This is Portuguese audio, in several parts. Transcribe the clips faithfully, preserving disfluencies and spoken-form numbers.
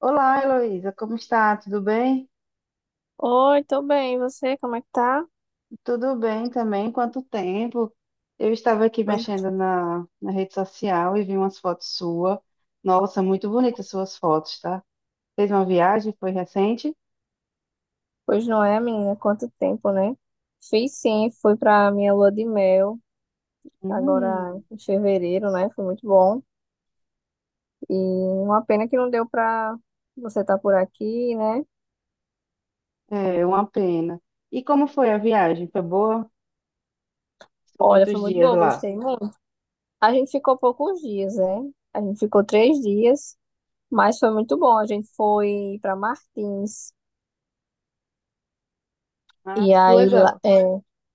Olá, Heloísa, como está? Tudo bem? Oi, tô bem. E você, como é que tá? Tudo bem também. Quanto tempo? Eu estava aqui Pois mexendo na, na rede social e vi umas fotos suas. Nossa, muito bonitas suas fotos, tá? Fez uma viagem? Foi recente? pois não é, menina? Quanto tempo, né? Fiz sim, fui pra minha lua de mel, agora Hum, em fevereiro, né? Foi muito bom. E uma pena que não deu pra você estar por aqui, né? é uma pena. E como foi a viagem? Foi boa? Ficou Olha, quantos foi muito dias boa, lá? gostei muito. A gente ficou poucos dias, né? A gente ficou três dias, mas foi muito bom. A gente foi pra Martins. Ah, E que aí, lá- legal. é,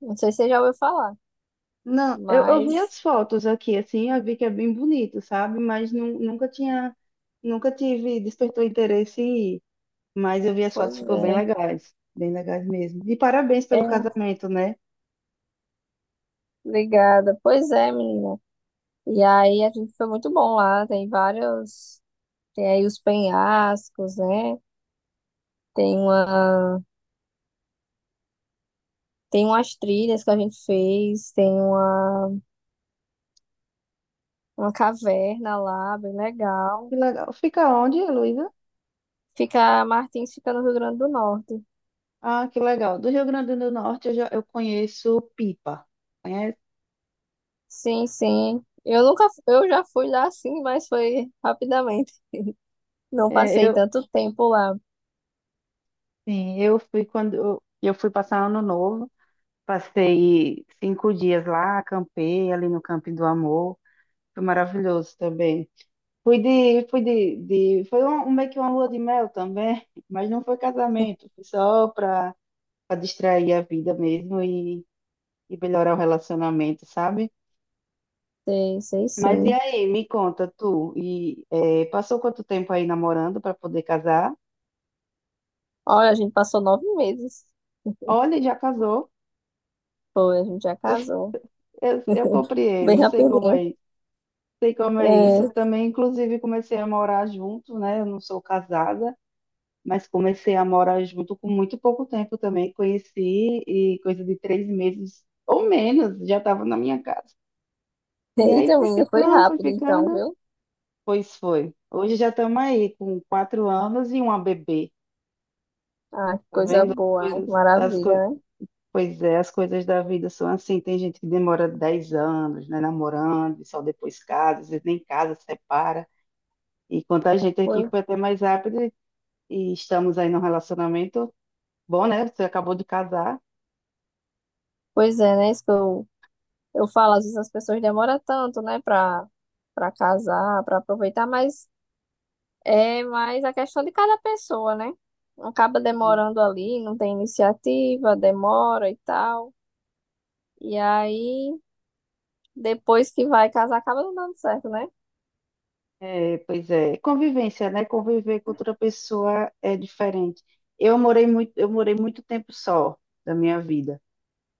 não sei se você já ouviu falar, Não, eu, eu vi mas, as fotos aqui, assim, eu vi que é bem bonito, sabe? Mas nu- nunca tinha, nunca tive, despertou interesse em ir. Mas eu vi as pois fotos, ficou bem é. legais. Bem legais mesmo. E parabéns pelo É, casamento, né? Obrigada. Pois é, menina. E aí a gente foi muito bom lá. Tem vários. Tem aí os penhascos, né? Tem uma, tem umas trilhas que a gente fez, tem uma, uma caverna lá, bem legal. Que legal. Fica onde, Heloísa? Fica, Martins fica no Rio Grande do Norte. Ah, que legal. Do Rio Grande do Norte eu, já, eu conheço Pipa. Conhece? Sim, sim. Eu nunca, eu já fui lá sim, mas foi rapidamente. Não É, passei eu, tanto tempo lá. sim, eu fui quando eu, eu fui passar ano novo. Passei cinco dias lá, acampei ali no Camping do Amor. Foi maravilhoso também. Fui de, fui de, de, foi um, um- meio que uma lua de mel também, mas não foi casamento, foi só para para distrair a vida mesmo e melhorar o relacionamento, sabe? Sei, sei Mas e sim. aí, me conta, tu, e eh, passou quanto tempo aí namorando para poder casar? Olha, a gente passou nove meses. Olha, já casou, Foi, a gente já casou. eu, eu Bem compreendo, sei como é, rapidinho. isso, sei como é isso. É, Eu também, inclusive, comecei a morar junto, né? Eu não sou casada, mas comecei a morar junto com muito pouco tempo também. Conheci e coisa de três meses ou menos, já estava na minha casa. E aí eita, foi menina, foi ficando, foi rápido então, ficando, viu? pois foi. Hoje já estamos aí com quatro anos e uma bebê. Ah, que Tá coisa vendo? As boa, né? Que coisas, as coi- maravilha, né? pois é, as coisas da vida são assim. Tem gente que demora dez anos, né, namorando, e só depois casa, às vezes nem casa, separa. E quanto a gente aqui Foi- foi até mais rápido e e estamos aí num relacionamento bom, né? Você acabou de casar. Pois é, né? Isso que eu, eu falo, às vezes as pessoas demoram tanto, né, pra, pra casar, pra aproveitar, mas é mais a questão de cada pessoa, né? Acaba demorando ali, não tem iniciativa, demora e tal. E aí, depois que vai casar, acaba não dando certo, né? É, pois é, convivência, né? Conviver com outra pessoa é diferente. Eu morei muito, eu morei muito tempo só da minha vida.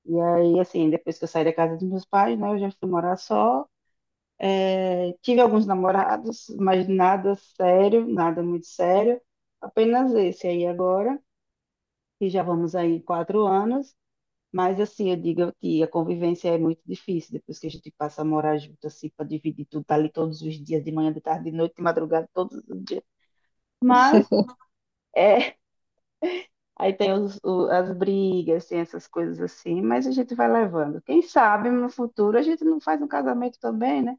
E aí, assim, depois que eu saí da casa dos meus pais, né, eu já fui morar só. Tive alguns namorados, mas nada sério, nada muito sério. Apenas esse aí agora, que já vamos aí em quatro anos. Mas assim, eu digo que a convivência é muito difícil depois que a gente passa a morar junto, assim, para dividir tudo, tá ali todos os dias, de manhã, de tarde, de noite, de madrugada, todos os dias. Mas, é, aí tem os- o- as brigas, tem essas coisas assim, mas a gente vai levando. Quem sabe no futuro a gente não faz um casamento também, né?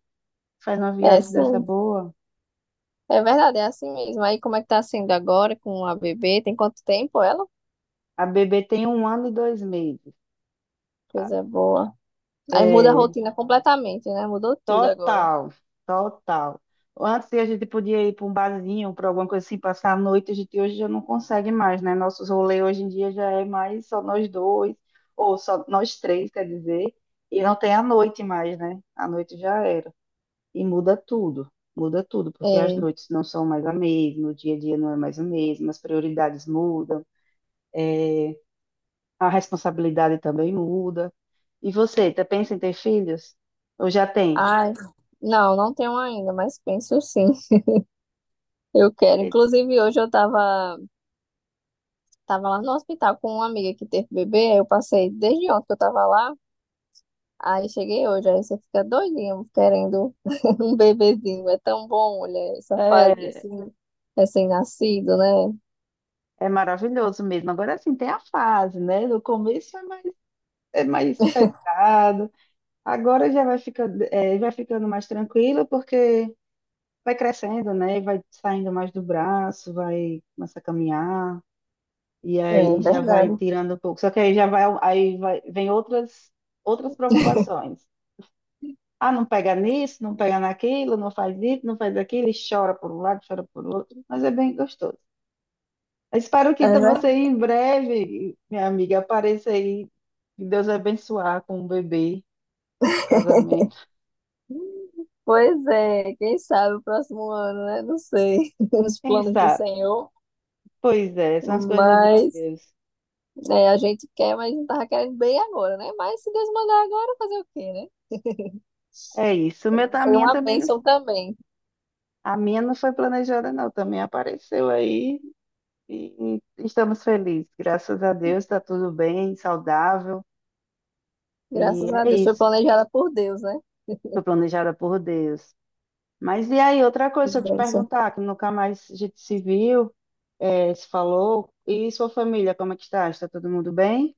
Faz uma É, viagem dessa sim. boa. É verdade, é assim mesmo. Aí, como é que tá sendo agora com a bebê? Tem quanto tempo ela? A bebê tem um ano e dois meses. Coisa boa. Aí muda a É, rotina completamente, né? Mudou tudo agora. total, total. Antes a gente podia ir para um barzinho, para alguma coisa assim, passar a noite, a gente hoje já não consegue mais, né? Nossos rolês hoje em dia já é mais só nós dois, ou só nós três, quer dizer, e não tem a noite mais, né? A noite já era. E muda tudo, muda tudo, porque as É. noites não são mais a mesma, o dia a dia não é mais o mesmo, as prioridades mudam, a responsabilidade também muda. E você, tá pensa em ter filhos? Ou já tem? Ai, não, não tenho ainda, mas penso sim. Eu quero. Inclusive, hoje eu tava, tava lá no hospital com uma amiga que teve bebê. Aí eu passei desde ontem que eu tava lá. Aí cheguei hoje. Aí você fica doidinho querendo um bebezinho. É tão bom, olha, essa fase É, assim, recém-nascido, né? é maravilhoso mesmo. Agora assim tem a fase, né? No começo é mais, é mais pesado, agora já vai ficando, é, vai ficando mais tranquilo, porque vai crescendo, né? Vai saindo mais do braço, vai começar a caminhar, e É aí já vai verdade. tirando um pouco. Só que aí já vai, aí vai, vem outras, outras preocupações. Ah, não pega nisso, não pega naquilo, não faz isso, não faz aquilo, e chora por um lado, chora por outro, mas é bem gostoso. Eu espero que É então você verdade. em breve, minha amiga, apareça aí. Que Deus abençoar com o bebê, o casamento. Pois é, quem sabe o próximo ano, né? Não sei, os Quem planos do sabe? Senhor, Pois é, são as coisas de mas Deus. é, a gente quer, mas não tava querendo bem agora, né? Mas se Deus mandar agora, fazer o quê, né? É isso. O Então, meu, vai tá- a ser minha uma também não, bênção também, a minha não foi planejada, não. Também apareceu aí e estamos felizes. Graças a Deus, está tudo bem, saudável. E graças a é Deus. Foi isso. planejada por Deus, né? Foi planejada por Deus. Mas e aí, outra Que coisa, se eu te bênção. perguntar, que nunca mais a gente se viu, eh, se falou, e sua família, como é que está? Está todo mundo bem?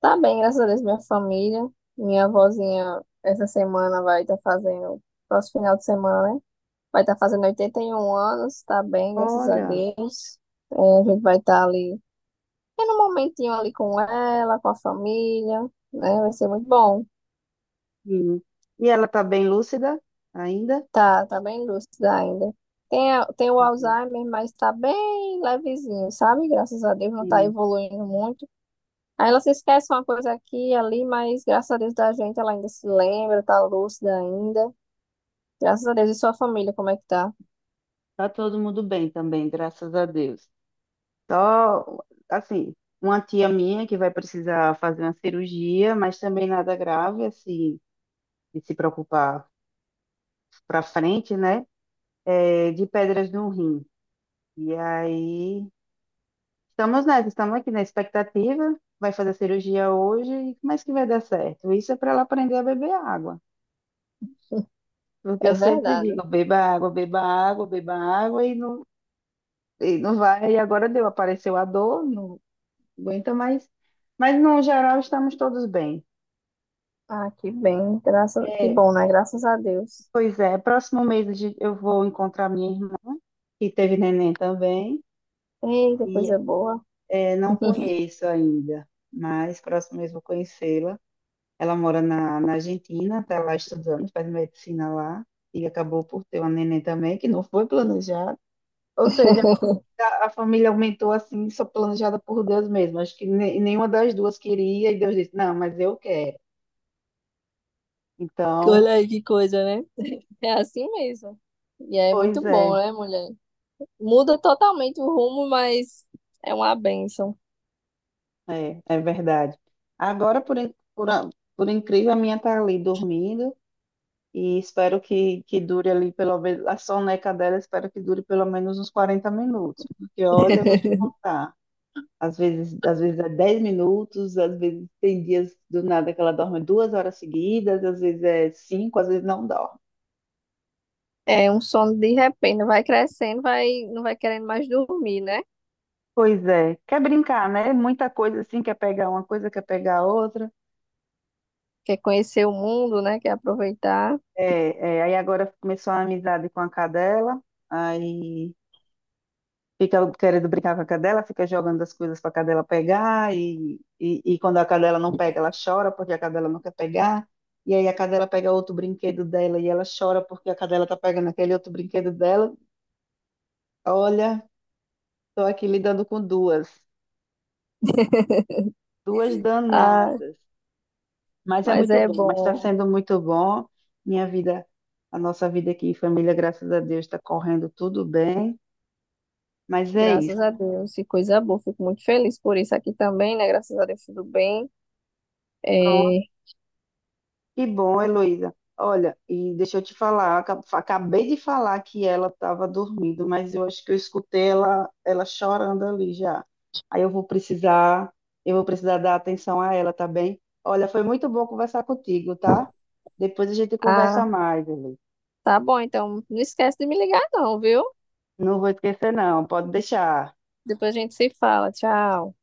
Tá bem, graças a Deus, minha família, minha avózinha, essa semana vai estar fazendo, próximo final de semana, né? Vai estar fazendo oitenta e um anos, tá bem, graças a Olha, Deus. É, a gente vai estar ali É no momentinho ali com ela, com a família, né? Vai ser muito bom. sim. E ela está bem lúcida ainda? Tá, tá bem lúcida ainda. Tem, a- tem o Uhum. Alzheimer, mas tá bem levezinho, sabe? Graças a Deus não tá Sim, evoluindo muito. Aí ela se esquece uma coisa aqui e ali, mas graças a Deus da gente ela ainda se lembra, tá lúcida ainda. Graças a Deus. E sua família, como é que tá? está todo mundo bem também, graças a Deus. Só, assim, uma tia minha que vai precisar fazer uma cirurgia, mas também nada grave, assim, de se preocupar para frente, né? É, de pedras no rim. E aí, estamos nessa, estamos aqui na expectativa. Vai fazer a cirurgia hoje, mas que vai dar certo. Isso é para ela aprender a beber água. Porque eu É sempre verdade. digo, beba água, beba água, beba água, e não, e não vai. E agora deu, apareceu a dor, não aguenta mais. Mas no geral estamos todos bem. Ah, que bem. Graças, que É, bom, né? Graças a Deus. pois é, próximo mês a gente- eu vou encontrar minha irmã, que teve neném também, Eita, e coisa boa. é, não conheço ainda, mas próximo mês vou conhecê-la. Ela mora na, na Argentina, está lá estudando, faz medicina lá, e acabou por ter uma neném também, que não foi planejada. Ou seja, a, a família aumentou assim, só planejada por Deus mesmo. Acho que ne- nenhuma das duas queria, e Deus disse, não, mas eu quero. Então, Olha aí que coisa, né? É assim mesmo. E é pois muito bom, é, né, mulher? Muda totalmente o rumo, mas é uma bênção. é, é verdade. Agora, por, in- por, a- por incrível, a minha tá ali dormindo, e espero que, que dure ali, pelo menos, a soneca dela, espero que dure pelo menos uns quarenta minutos, porque olha, eu vou te contar. Às vezes, às vezes é dez minutos, às vezes tem dias do nada que ela dorme duas horas seguidas, às vezes é cinco, às vezes não dorme. É um sono de repente, vai crescendo, vai, não vai querendo mais dormir, né? Pois é, quer brincar, né? Muita coisa assim, quer pegar uma coisa, quer pegar outra. Quer conhecer o mundo, né? Quer aproveitar. É, é, aí agora começou uma amizade com a cadela, aí fica querendo brincar com a cadela, fica jogando as coisas para a cadela pegar, e, e, e quando a cadela não pega, ela chora porque a cadela não quer pegar. E aí a cadela pega outro brinquedo dela e ela chora porque a cadela tá pegando aquele outro brinquedo dela. Olha, estou aqui lidando com duas, duas Ah, danadas, mas é mas muito é bom, mas está bom, sendo muito bom. Minha vida, a nossa vida aqui em família, graças a Deus, está correndo tudo bem, mas é isso. graças a Deus, que coisa boa. Fico muito feliz por isso aqui também, né? Graças a Deus, tudo bem. É, Que bom, Heloísa. Olha, e deixa eu te falar, aca- acabei de falar que ela estava dormindo, mas eu acho que eu escutei ela, ela chorando ali já. Aí eu vou precisar, eu vou precisar dar atenção a ela, tá bem? Olha, foi muito bom conversar contigo, tá? Depois a gente ah, conversa mais, Heloísa. tá bom, então não esquece de me ligar, não, viu? Não vou esquecer, não, pode deixar. Depois a gente se fala. Tchau.